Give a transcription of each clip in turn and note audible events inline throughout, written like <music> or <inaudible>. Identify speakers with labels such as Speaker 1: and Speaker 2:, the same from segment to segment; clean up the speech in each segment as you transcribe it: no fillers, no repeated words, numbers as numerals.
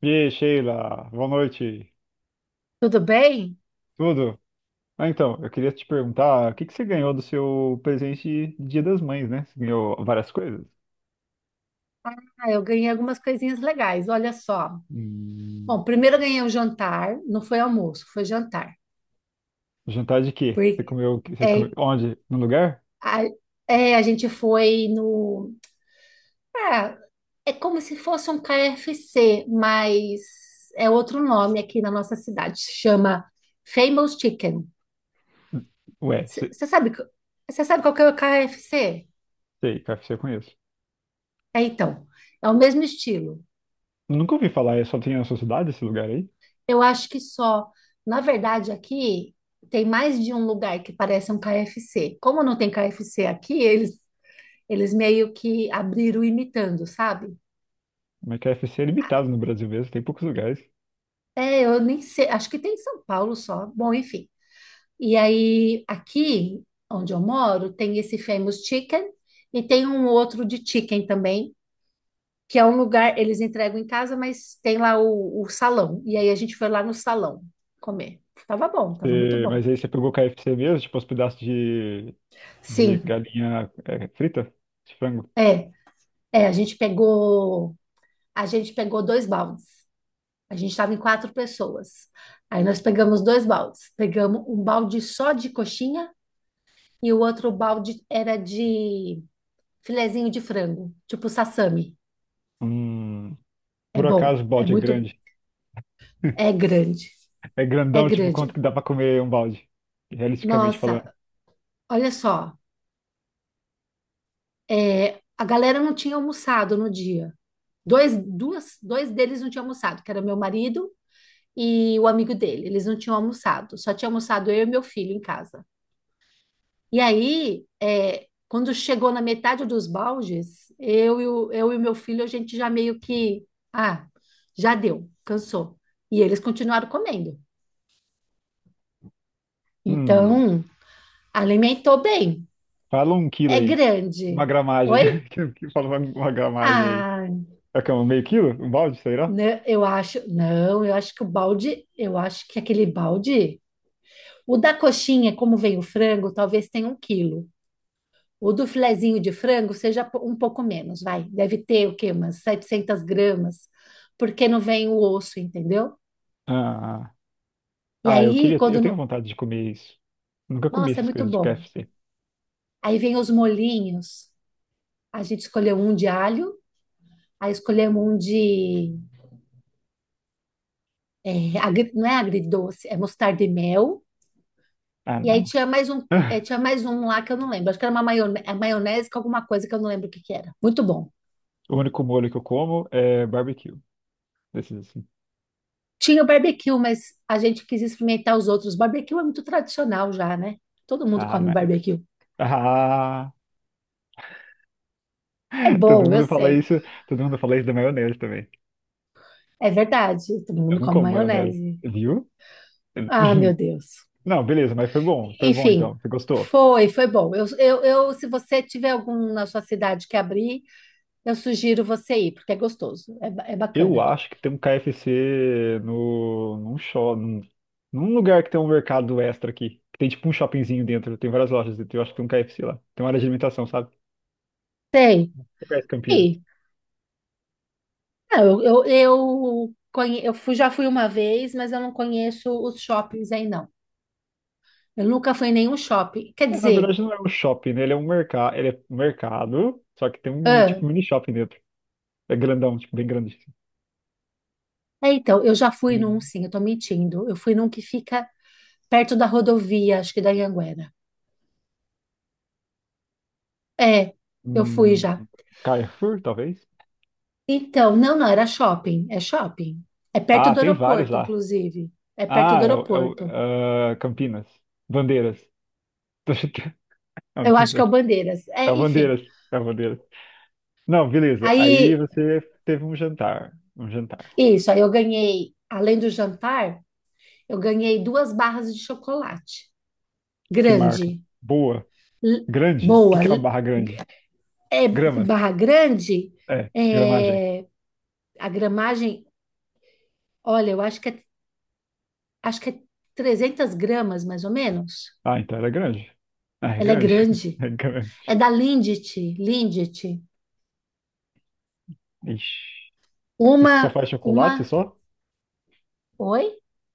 Speaker 1: E aí, Sheila, boa noite.
Speaker 2: Tudo bem?
Speaker 1: Tudo? Ah, então, eu queria te perguntar, o que que você ganhou do seu presente de Dia das Mães, né? Você ganhou várias coisas?
Speaker 2: Ah, eu ganhei algumas coisinhas legais, olha só.
Speaker 1: Hum,
Speaker 2: Bom, primeiro eu ganhei o jantar, não foi almoço, foi jantar.
Speaker 1: jantar de quê? Você
Speaker 2: Porque
Speaker 1: comeu, o quê? Você comeu
Speaker 2: é,
Speaker 1: onde? No lugar?
Speaker 2: a, a gente foi no. Ah, é como se fosse um KFC, mas é outro nome aqui na nossa cidade. Chama Famous Chicken.
Speaker 1: Ué, se-
Speaker 2: Você sabe, você sabe qual que é o KFC?
Speaker 1: sei, KFC eu conheço.
Speaker 2: É, então, é o mesmo estilo.
Speaker 1: Nunca ouvi falar, é só tem na sua cidade esse lugar aí?
Speaker 2: Eu acho que só. Na verdade, aqui tem mais de um lugar que parece um KFC. Como não tem KFC aqui, eles meio que abriram imitando, sabe?
Speaker 1: Mas KFC é
Speaker 2: Ah,
Speaker 1: limitado no Brasil mesmo, tem poucos lugares.
Speaker 2: é, eu nem sei. Acho que tem em São Paulo só. Bom, enfim. E aí, aqui onde eu moro, tem esse Famous Chicken e tem um outro de chicken também, que é um lugar, eles entregam em casa, mas tem lá o salão. E aí a gente foi lá no salão comer. Tava bom, tava muito bom.
Speaker 1: Mas aí você pegou KFC mesmo, tipo os pedaços de
Speaker 2: Sim,
Speaker 1: galinha é, frita, de frango?
Speaker 2: é. É, a gente pegou 2 baldes. A gente estava em 4 pessoas. Aí nós pegamos 2 baldes. Pegamos um balde só de coxinha e o outro balde era de filezinho de frango, tipo sassami.
Speaker 1: Hum,
Speaker 2: É
Speaker 1: por
Speaker 2: bom,
Speaker 1: acaso o balde é grande? <laughs>
Speaker 2: é grande,
Speaker 1: É
Speaker 2: é
Speaker 1: grandão, tipo, quanto
Speaker 2: grande.
Speaker 1: que dá pra comer um balde? Realisticamente falando.
Speaker 2: Nossa, olha só, a galera não tinha almoçado no dia. Dois deles não tinham almoçado, que era meu marido e o amigo dele. Eles não tinham almoçado, só tinha almoçado eu e meu filho em casa. E aí, quando chegou na metade dos baldes, eu e o meu filho, a gente já meio que, ah, já deu, cansou. E eles continuaram comendo.
Speaker 1: Hum,
Speaker 2: Então, alimentou bem.
Speaker 1: fala um quilo
Speaker 2: É
Speaker 1: aí.
Speaker 2: grande.
Speaker 1: Uma gramagem. <laughs>
Speaker 2: Oi?
Speaker 1: Que Fala uma gramagem aí.
Speaker 2: Ah,
Speaker 1: É que é um meio quilo? Um balde, será?
Speaker 2: né, eu acho, não, eu acho que o balde, eu acho que aquele balde, o da coxinha, como vem o frango, talvez tenha 1 quilo. O do filezinho de frango seja um pouco menos, vai. Deve ter o quê? Umas 700 gramas, porque não vem o osso, entendeu?
Speaker 1: Ah,
Speaker 2: E
Speaker 1: ah, eu
Speaker 2: aí,
Speaker 1: queria.
Speaker 2: quando.
Speaker 1: Eu tenho
Speaker 2: Não-
Speaker 1: vontade de comer isso. Nunca comi
Speaker 2: Nossa, é
Speaker 1: essas
Speaker 2: muito
Speaker 1: coisas de
Speaker 2: bom.
Speaker 1: KFC.
Speaker 2: Aí vem os molhinhos. A gente escolheu um de alho, aí escolhemos um de. Não é agridoce, é mostarda e mel.
Speaker 1: Ah,
Speaker 2: E aí
Speaker 1: não.
Speaker 2: tinha mais um,
Speaker 1: <laughs>
Speaker 2: tinha mais um lá que eu não lembro. Acho que era uma maionese, com alguma coisa que eu não lembro o que que era. Muito bom.
Speaker 1: O único molho que eu como é barbecue. Desses assim.
Speaker 2: Tinha o barbecue, mas a gente quis experimentar os outros. Barbecue é muito tradicional já, né? Todo mundo
Speaker 1: Ah,
Speaker 2: come
Speaker 1: man.
Speaker 2: barbecue.
Speaker 1: Ah,
Speaker 2: É
Speaker 1: <laughs>
Speaker 2: bom,
Speaker 1: todo
Speaker 2: eu
Speaker 1: mundo fala
Speaker 2: sei.
Speaker 1: isso. Todo mundo fala isso da maionese também.
Speaker 2: É verdade. Todo
Speaker 1: Eu
Speaker 2: mundo
Speaker 1: não
Speaker 2: come
Speaker 1: como maionese.
Speaker 2: maionese.
Speaker 1: Viu?
Speaker 2: Ah, meu
Speaker 1: <laughs>
Speaker 2: Deus.
Speaker 1: Não, beleza, mas foi bom
Speaker 2: Enfim,
Speaker 1: então. Você gostou?
Speaker 2: foi bom. Se você tiver algum na sua cidade que abrir, eu sugiro você ir, porque é gostoso, é
Speaker 1: Eu
Speaker 2: bacana.
Speaker 1: acho que tem um KFC no, num, shop, num, num, lugar que tem um mercado extra aqui. Que tem tipo um shoppingzinho dentro, tem várias lojas dentro. Eu acho que tem um KFC lá. Tem uma área de alimentação, sabe?
Speaker 2: Tem,
Speaker 1: Você conhece Campinas?
Speaker 2: tem. Não, eu fui, já fui uma vez, mas eu não conheço os shoppings aí, não. Eu nunca fui em nenhum shopping. Quer
Speaker 1: É, na
Speaker 2: dizer,
Speaker 1: verdade não é um shopping, né? Ele é um mercado, só que tem um tipo mini shopping dentro. É grandão, tipo, bem grande. Assim.
Speaker 2: é, então, eu já fui
Speaker 1: Tem
Speaker 2: num, sim, eu tô mentindo. Eu fui num que fica perto da rodovia, acho que da Anhanguera. É, eu fui
Speaker 1: um
Speaker 2: já.
Speaker 1: Carrefour, talvez?
Speaker 2: Então, não, não, era shopping. É perto
Speaker 1: Ah,
Speaker 2: do
Speaker 1: tem vários
Speaker 2: aeroporto,
Speaker 1: lá.
Speaker 2: inclusive. É perto do
Speaker 1: Ah,
Speaker 2: aeroporto.
Speaker 1: ah, Campinas. Bandeiras. <laughs> Tô chutando. Ah, não
Speaker 2: Eu
Speaker 1: sei.
Speaker 2: acho que é o Bandeiras. É, enfim.
Speaker 1: Cavandeiras, Cavandeiras. Não, beleza. Aí
Speaker 2: Aí,
Speaker 1: você teve um jantar. Um jantar.
Speaker 2: isso, aí eu ganhei, além do jantar, eu ganhei duas barras de chocolate.
Speaker 1: Que marca?
Speaker 2: Grande,
Speaker 1: Boa.
Speaker 2: l-
Speaker 1: Grande? O que
Speaker 2: boa.
Speaker 1: que é uma barra grande?
Speaker 2: É,
Speaker 1: Gramas?
Speaker 2: barra grande,
Speaker 1: É, gramagem.
Speaker 2: é, a gramagem, olha, eu acho que é 300 gramas, mais ou menos.
Speaker 1: Ah, então era grande. Ah, é
Speaker 2: Ela é
Speaker 1: grande. <laughs>
Speaker 2: grande.
Speaker 1: É grande.
Speaker 2: É da Lindt, Lindt.
Speaker 1: Ixi. Isso só
Speaker 2: Uma,
Speaker 1: faz chocolate,
Speaker 2: uma,
Speaker 1: só?
Speaker 2: oi?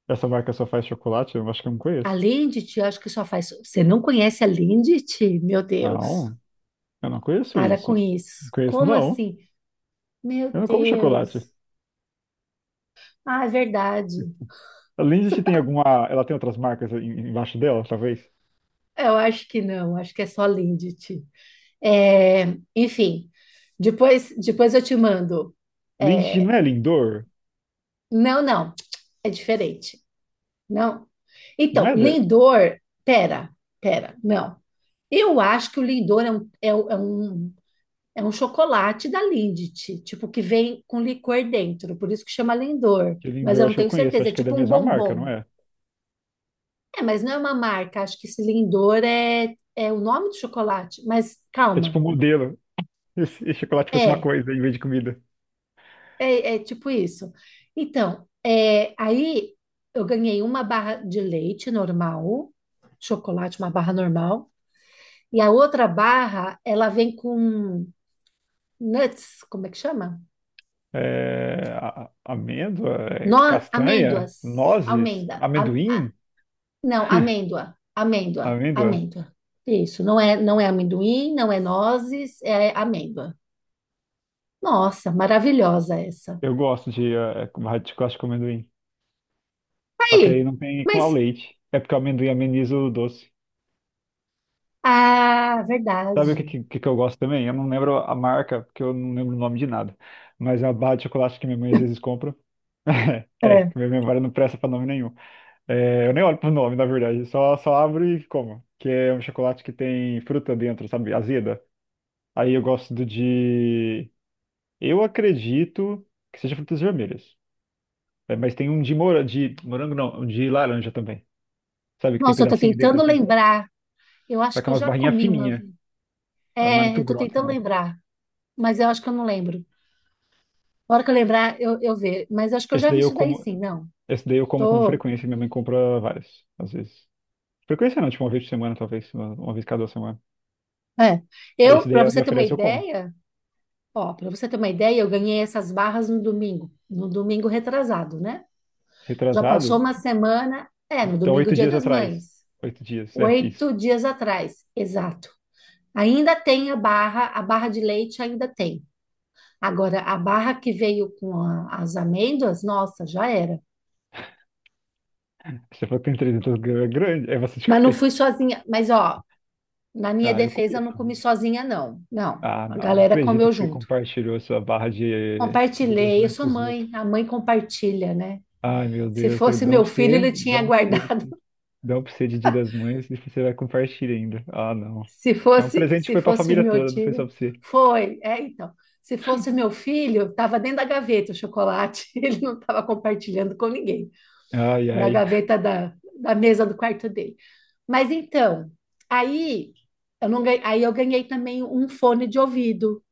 Speaker 1: Essa marca só faz chocolate? Eu acho que eu não
Speaker 2: A
Speaker 1: conheço.
Speaker 2: Lindt, eu acho que só faz. Você não conhece a Lindt? Meu Deus.
Speaker 1: Não, eu não conheço
Speaker 2: Para
Speaker 1: isso.
Speaker 2: com
Speaker 1: Não
Speaker 2: isso.
Speaker 1: conheço,
Speaker 2: Como
Speaker 1: não.
Speaker 2: assim? Meu
Speaker 1: Eu não como chocolate.
Speaker 2: Deus. Ah, é verdade.
Speaker 1: A Lindt tem alguma... Ela tem outras marcas embaixo dela, talvez?
Speaker 2: Eu acho que não, acho que é só Lindt. É, enfim, depois eu te mando.
Speaker 1: Lindt não
Speaker 2: É,
Speaker 1: é Lindor?
Speaker 2: não, não, é diferente. Não.
Speaker 1: Não
Speaker 2: Então,
Speaker 1: é.
Speaker 2: Lindor, pera, pera, não. Eu acho que o Lindor é um, é um chocolate da Lindt, tipo, que vem com licor dentro, por isso que chama Lindor,
Speaker 1: Que
Speaker 2: mas
Speaker 1: Lindor,
Speaker 2: eu não
Speaker 1: acho que eu
Speaker 2: tenho
Speaker 1: conheço,
Speaker 2: certeza, é
Speaker 1: acho que é da
Speaker 2: tipo um
Speaker 1: mesma marca, não
Speaker 2: bombom.
Speaker 1: é?
Speaker 2: É, mas não é uma marca, acho que esse Lindor é o nome do chocolate, mas
Speaker 1: É tipo
Speaker 2: calma,
Speaker 1: um modelo. E se chocolate fosse uma
Speaker 2: é,
Speaker 1: coisa em vez de comida.
Speaker 2: é tipo isso. Então, aí eu ganhei uma barra de leite normal, chocolate, uma barra normal, e a outra barra, ela vem com nuts, como é que chama?
Speaker 1: É, amêndoa, é,
Speaker 2: No, amêndoas,
Speaker 1: castanha, nozes,
Speaker 2: amêndoa,
Speaker 1: amendoim.
Speaker 2: não,
Speaker 1: <laughs>
Speaker 2: amêndoa, amêndoa,
Speaker 1: Amêndoa.
Speaker 2: amêndoa. Isso, não é amendoim, não é nozes, é amêndoa. Nossa, maravilhosa essa.
Speaker 1: Eu gosto de de chocolate com amendoim. Só que aí
Speaker 2: Aí,
Speaker 1: não tem com a
Speaker 2: mas,
Speaker 1: leite. É porque o amendoim ameniza o doce.
Speaker 2: ah,
Speaker 1: Sabe o
Speaker 2: verdade.
Speaker 1: que eu gosto também? Eu não lembro a marca, porque eu não lembro o nome de nada. Mas é uma barra de chocolate que minha mãe às vezes compra. <laughs> É,
Speaker 2: É.
Speaker 1: que minha memória não presta pra nome nenhum. É, eu nem olho pro nome, na verdade. Só abro e como. Que é um chocolate que tem fruta dentro, sabe? Azeda. Aí eu gosto do de. Eu acredito que seja frutas vermelhas. É, mas tem um de, de morango, não. Um de laranja também. Sabe? Que tem
Speaker 2: Nossa, eu tô
Speaker 1: pedacinho dentro
Speaker 2: tentando
Speaker 1: assim.
Speaker 2: lembrar. Eu acho
Speaker 1: Só
Speaker 2: que
Speaker 1: que é
Speaker 2: eu
Speaker 1: umas
Speaker 2: já
Speaker 1: barrinhas
Speaker 2: comi uma
Speaker 1: fininhas.
Speaker 2: vez.
Speaker 1: Ela não é
Speaker 2: É,
Speaker 1: muito
Speaker 2: eu tô
Speaker 1: grossa,
Speaker 2: tentando
Speaker 1: não.
Speaker 2: lembrar, mas eu acho que eu não lembro. A hora que eu lembrar, eu ver. Mas eu acho que eu
Speaker 1: Esse
Speaker 2: já vi
Speaker 1: daí eu
Speaker 2: isso daí
Speaker 1: como.
Speaker 2: sim, não.
Speaker 1: Esse daí eu como com
Speaker 2: Tô.
Speaker 1: frequência. Minha mãe compra vários, às vezes. Frequência não, tipo uma vez por semana, talvez. Uma vez cada semana.
Speaker 2: É.
Speaker 1: Aí esse
Speaker 2: Eu,
Speaker 1: daí
Speaker 2: para
Speaker 1: ela
Speaker 2: você
Speaker 1: me
Speaker 2: ter uma
Speaker 1: oferece, eu como.
Speaker 2: ideia, ó, para você ter uma ideia, eu ganhei essas barras no domingo, no domingo retrasado, né? Já passou
Speaker 1: Retrasado.
Speaker 2: uma semana, é, no
Speaker 1: Então,
Speaker 2: domingo,
Speaker 1: oito
Speaker 2: Dia
Speaker 1: dias
Speaker 2: das
Speaker 1: atrás.
Speaker 2: Mães.
Speaker 1: Oito dias, é isso.
Speaker 2: 8 dias atrás, exato. Ainda tem a barra, de leite ainda tem. Agora, a barra que veio com as amêndoas, nossa, já era.
Speaker 1: Você falou que tem 300 gramas, é grande, é bastante
Speaker 2: Mas
Speaker 1: <laughs>
Speaker 2: não fui
Speaker 1: coisa.
Speaker 2: sozinha. Mas, ó, na minha
Speaker 1: Ah, eu
Speaker 2: defesa, eu
Speaker 1: comia
Speaker 2: não comi
Speaker 1: também.
Speaker 2: sozinha, não. Não.
Speaker 1: Ah,
Speaker 2: A
Speaker 1: não.
Speaker 2: galera
Speaker 1: Acredito
Speaker 2: comeu
Speaker 1: que você
Speaker 2: junto.
Speaker 1: compartilhou sua barra de
Speaker 2: Compartilhei, eu
Speaker 1: deduções
Speaker 2: sou
Speaker 1: com os
Speaker 2: mãe,
Speaker 1: outros.
Speaker 2: a mãe compartilha, né?
Speaker 1: Ai, meu
Speaker 2: Se
Speaker 1: Deus, você
Speaker 2: fosse
Speaker 1: dá um
Speaker 2: meu
Speaker 1: pra
Speaker 2: filho, ele
Speaker 1: você, dá
Speaker 2: tinha
Speaker 1: um pra você,
Speaker 2: guardado.
Speaker 1: dá um pra você de Dia das Mães e você vai compartilhar ainda. Ah, não.
Speaker 2: <laughs>
Speaker 1: Então, o presente
Speaker 2: Se
Speaker 1: foi pra
Speaker 2: fosse
Speaker 1: família
Speaker 2: meu
Speaker 1: toda, não foi
Speaker 2: filho,
Speaker 1: só pra você.
Speaker 2: foi, é, então. Se fosse meu filho, estava dentro da gaveta o chocolate, <laughs> ele não estava compartilhando com ninguém,
Speaker 1: Ai,
Speaker 2: da
Speaker 1: ai.
Speaker 2: gaveta da mesa do quarto dele. Mas então, aí eu não ganhei, aí eu ganhei também um fone de ouvido,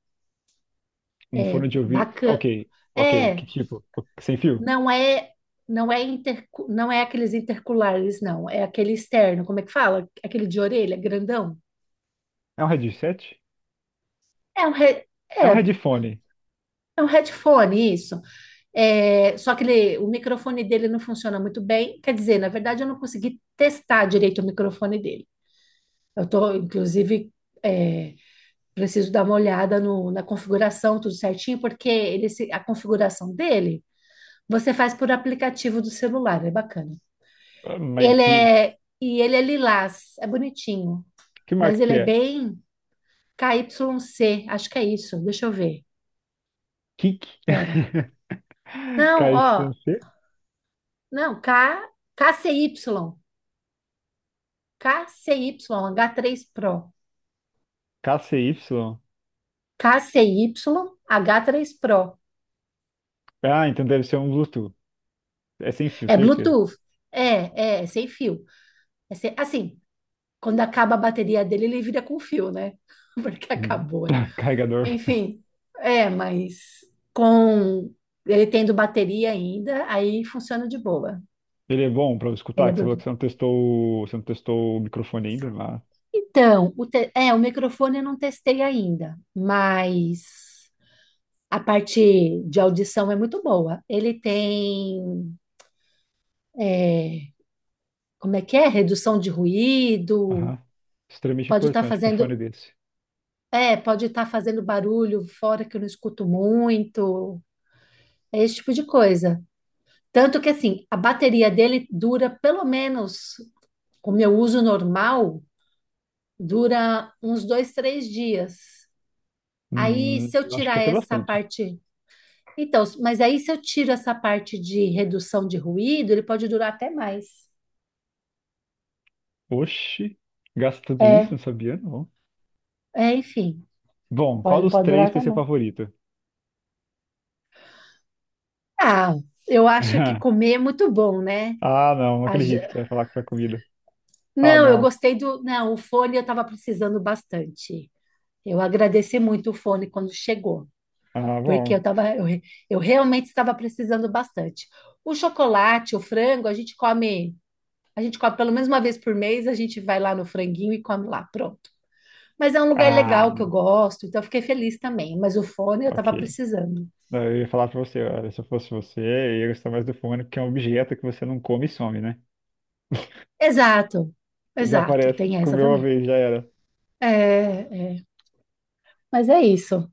Speaker 1: Um fone de ouvido. Ok,
Speaker 2: bacana.
Speaker 1: ok. Que
Speaker 2: É,
Speaker 1: tipo? Sem fio?
Speaker 2: Não é, não é aqueles interculares, não. É aquele externo, como é que fala? Aquele de orelha, grandão.
Speaker 1: É um headset?
Speaker 2: É um, he- é,
Speaker 1: É um headphone.
Speaker 2: é um headphone, isso. É, só que o microfone dele não funciona muito bem. Quer dizer, na verdade, eu não consegui testar direito o microfone dele. Eu tô, inclusive, é, preciso dar uma olhada na configuração, tudo certinho, porque ele, se- a configuração dele você faz por aplicativo do celular, é bacana.
Speaker 1: Ah, Mas
Speaker 2: E ele é lilás, é bonitinho,
Speaker 1: que
Speaker 2: mas
Speaker 1: marca
Speaker 2: ele
Speaker 1: que
Speaker 2: é
Speaker 1: é?
Speaker 2: bem K KYC, acho que é isso. Deixa eu ver.
Speaker 1: Kik?
Speaker 2: Pera.
Speaker 1: <laughs>
Speaker 2: Não,
Speaker 1: KYC? Y.
Speaker 2: ó,
Speaker 1: C?
Speaker 2: não, KCY, KCY, H3 Pro.
Speaker 1: K C Y?
Speaker 2: KCY h três Pro.
Speaker 1: Ah, então deve ser um Bluetooth. É sem fio,
Speaker 2: É
Speaker 1: certeza.
Speaker 2: Bluetooth. É sem fio. Assim, quando acaba a bateria dele, ele vira com fio, né? <laughs> Porque
Speaker 1: Hum.
Speaker 2: acabou.
Speaker 1: <laughs> Carregador.
Speaker 2: Enfim, mas com ele tendo bateria ainda, aí funciona de boa.
Speaker 1: Ele é bom pra eu
Speaker 2: Ele
Speaker 1: escutar,
Speaker 2: é
Speaker 1: que você falou que
Speaker 2: Bluetooth.
Speaker 1: você não testou, você não testou o microfone ainda, mas...
Speaker 2: Então, o microfone eu não testei ainda, mas a parte de audição é muito boa. Ele tem, é, como é que é? Redução de ruído,
Speaker 1: Aham. Extremamente
Speaker 2: pode estar
Speaker 1: importante pra um
Speaker 2: fazendo,
Speaker 1: fone desse.
Speaker 2: pode estar fazendo barulho fora que eu não escuto muito, é esse tipo de coisa. Tanto que assim, a bateria dele dura pelo menos o meu uso normal, dura uns 2, 3 dias. Aí, se eu
Speaker 1: Eu acho que
Speaker 2: tirar
Speaker 1: é até
Speaker 2: essa
Speaker 1: bastante.
Speaker 2: parte. Então, mas aí, se eu tiro essa parte de redução de ruído, ele pode durar até mais.
Speaker 1: Oxi, gasta tudo isso?
Speaker 2: É,
Speaker 1: Não sabia, não.
Speaker 2: Enfim.
Speaker 1: Bom, qual dos
Speaker 2: Pode durar
Speaker 1: três
Speaker 2: até
Speaker 1: vai ser
Speaker 2: também.
Speaker 1: favorito?
Speaker 2: Ah, eu acho que
Speaker 1: <laughs>
Speaker 2: comer é muito bom, né?
Speaker 1: Ah, não
Speaker 2: A ge-
Speaker 1: acredito que você vai falar que foi comida. Ah,
Speaker 2: Não, eu
Speaker 1: não.
Speaker 2: gostei do. Não, o fone eu estava precisando bastante. Eu agradeci muito o fone quando chegou.
Speaker 1: Ah,
Speaker 2: Porque
Speaker 1: bom.
Speaker 2: eu tava, eu, re- eu realmente estava precisando bastante. O chocolate, o frango, a gente come pelo menos 1 vez por mês, a gente vai lá no franguinho e come lá, pronto. Mas é um lugar
Speaker 1: Ah,
Speaker 2: legal que eu gosto, então eu fiquei feliz também. Mas o fone eu estava
Speaker 1: ok.
Speaker 2: precisando.
Speaker 1: Eu ia falar pra você, olha, se eu fosse você, eu ia gostar mais do fone, porque é um objeto que você não come e some, né?
Speaker 2: Exato, exato,
Speaker 1: Desaparece,
Speaker 2: tem essa
Speaker 1: comeu uma
Speaker 2: também.
Speaker 1: vez, já era.
Speaker 2: É, é. Mas é isso.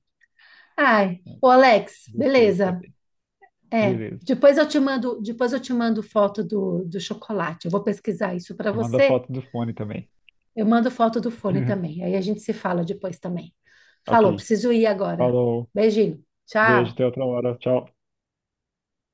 Speaker 2: Ai, o Alex,
Speaker 1: Gostei de
Speaker 2: beleza.
Speaker 1: saber.
Speaker 2: É,
Speaker 1: Beleza.
Speaker 2: depois eu te mando foto do chocolate. Eu vou pesquisar isso para
Speaker 1: Eu mando a
Speaker 2: você.
Speaker 1: foto do fone também.
Speaker 2: Eu mando foto do fone também.
Speaker 1: <laughs>
Speaker 2: Aí a gente se fala depois também.
Speaker 1: Ok.
Speaker 2: Falou, preciso ir agora.
Speaker 1: Falou.
Speaker 2: Beijinho.
Speaker 1: Beijo,
Speaker 2: Tchau.
Speaker 1: até outra hora. Tchau.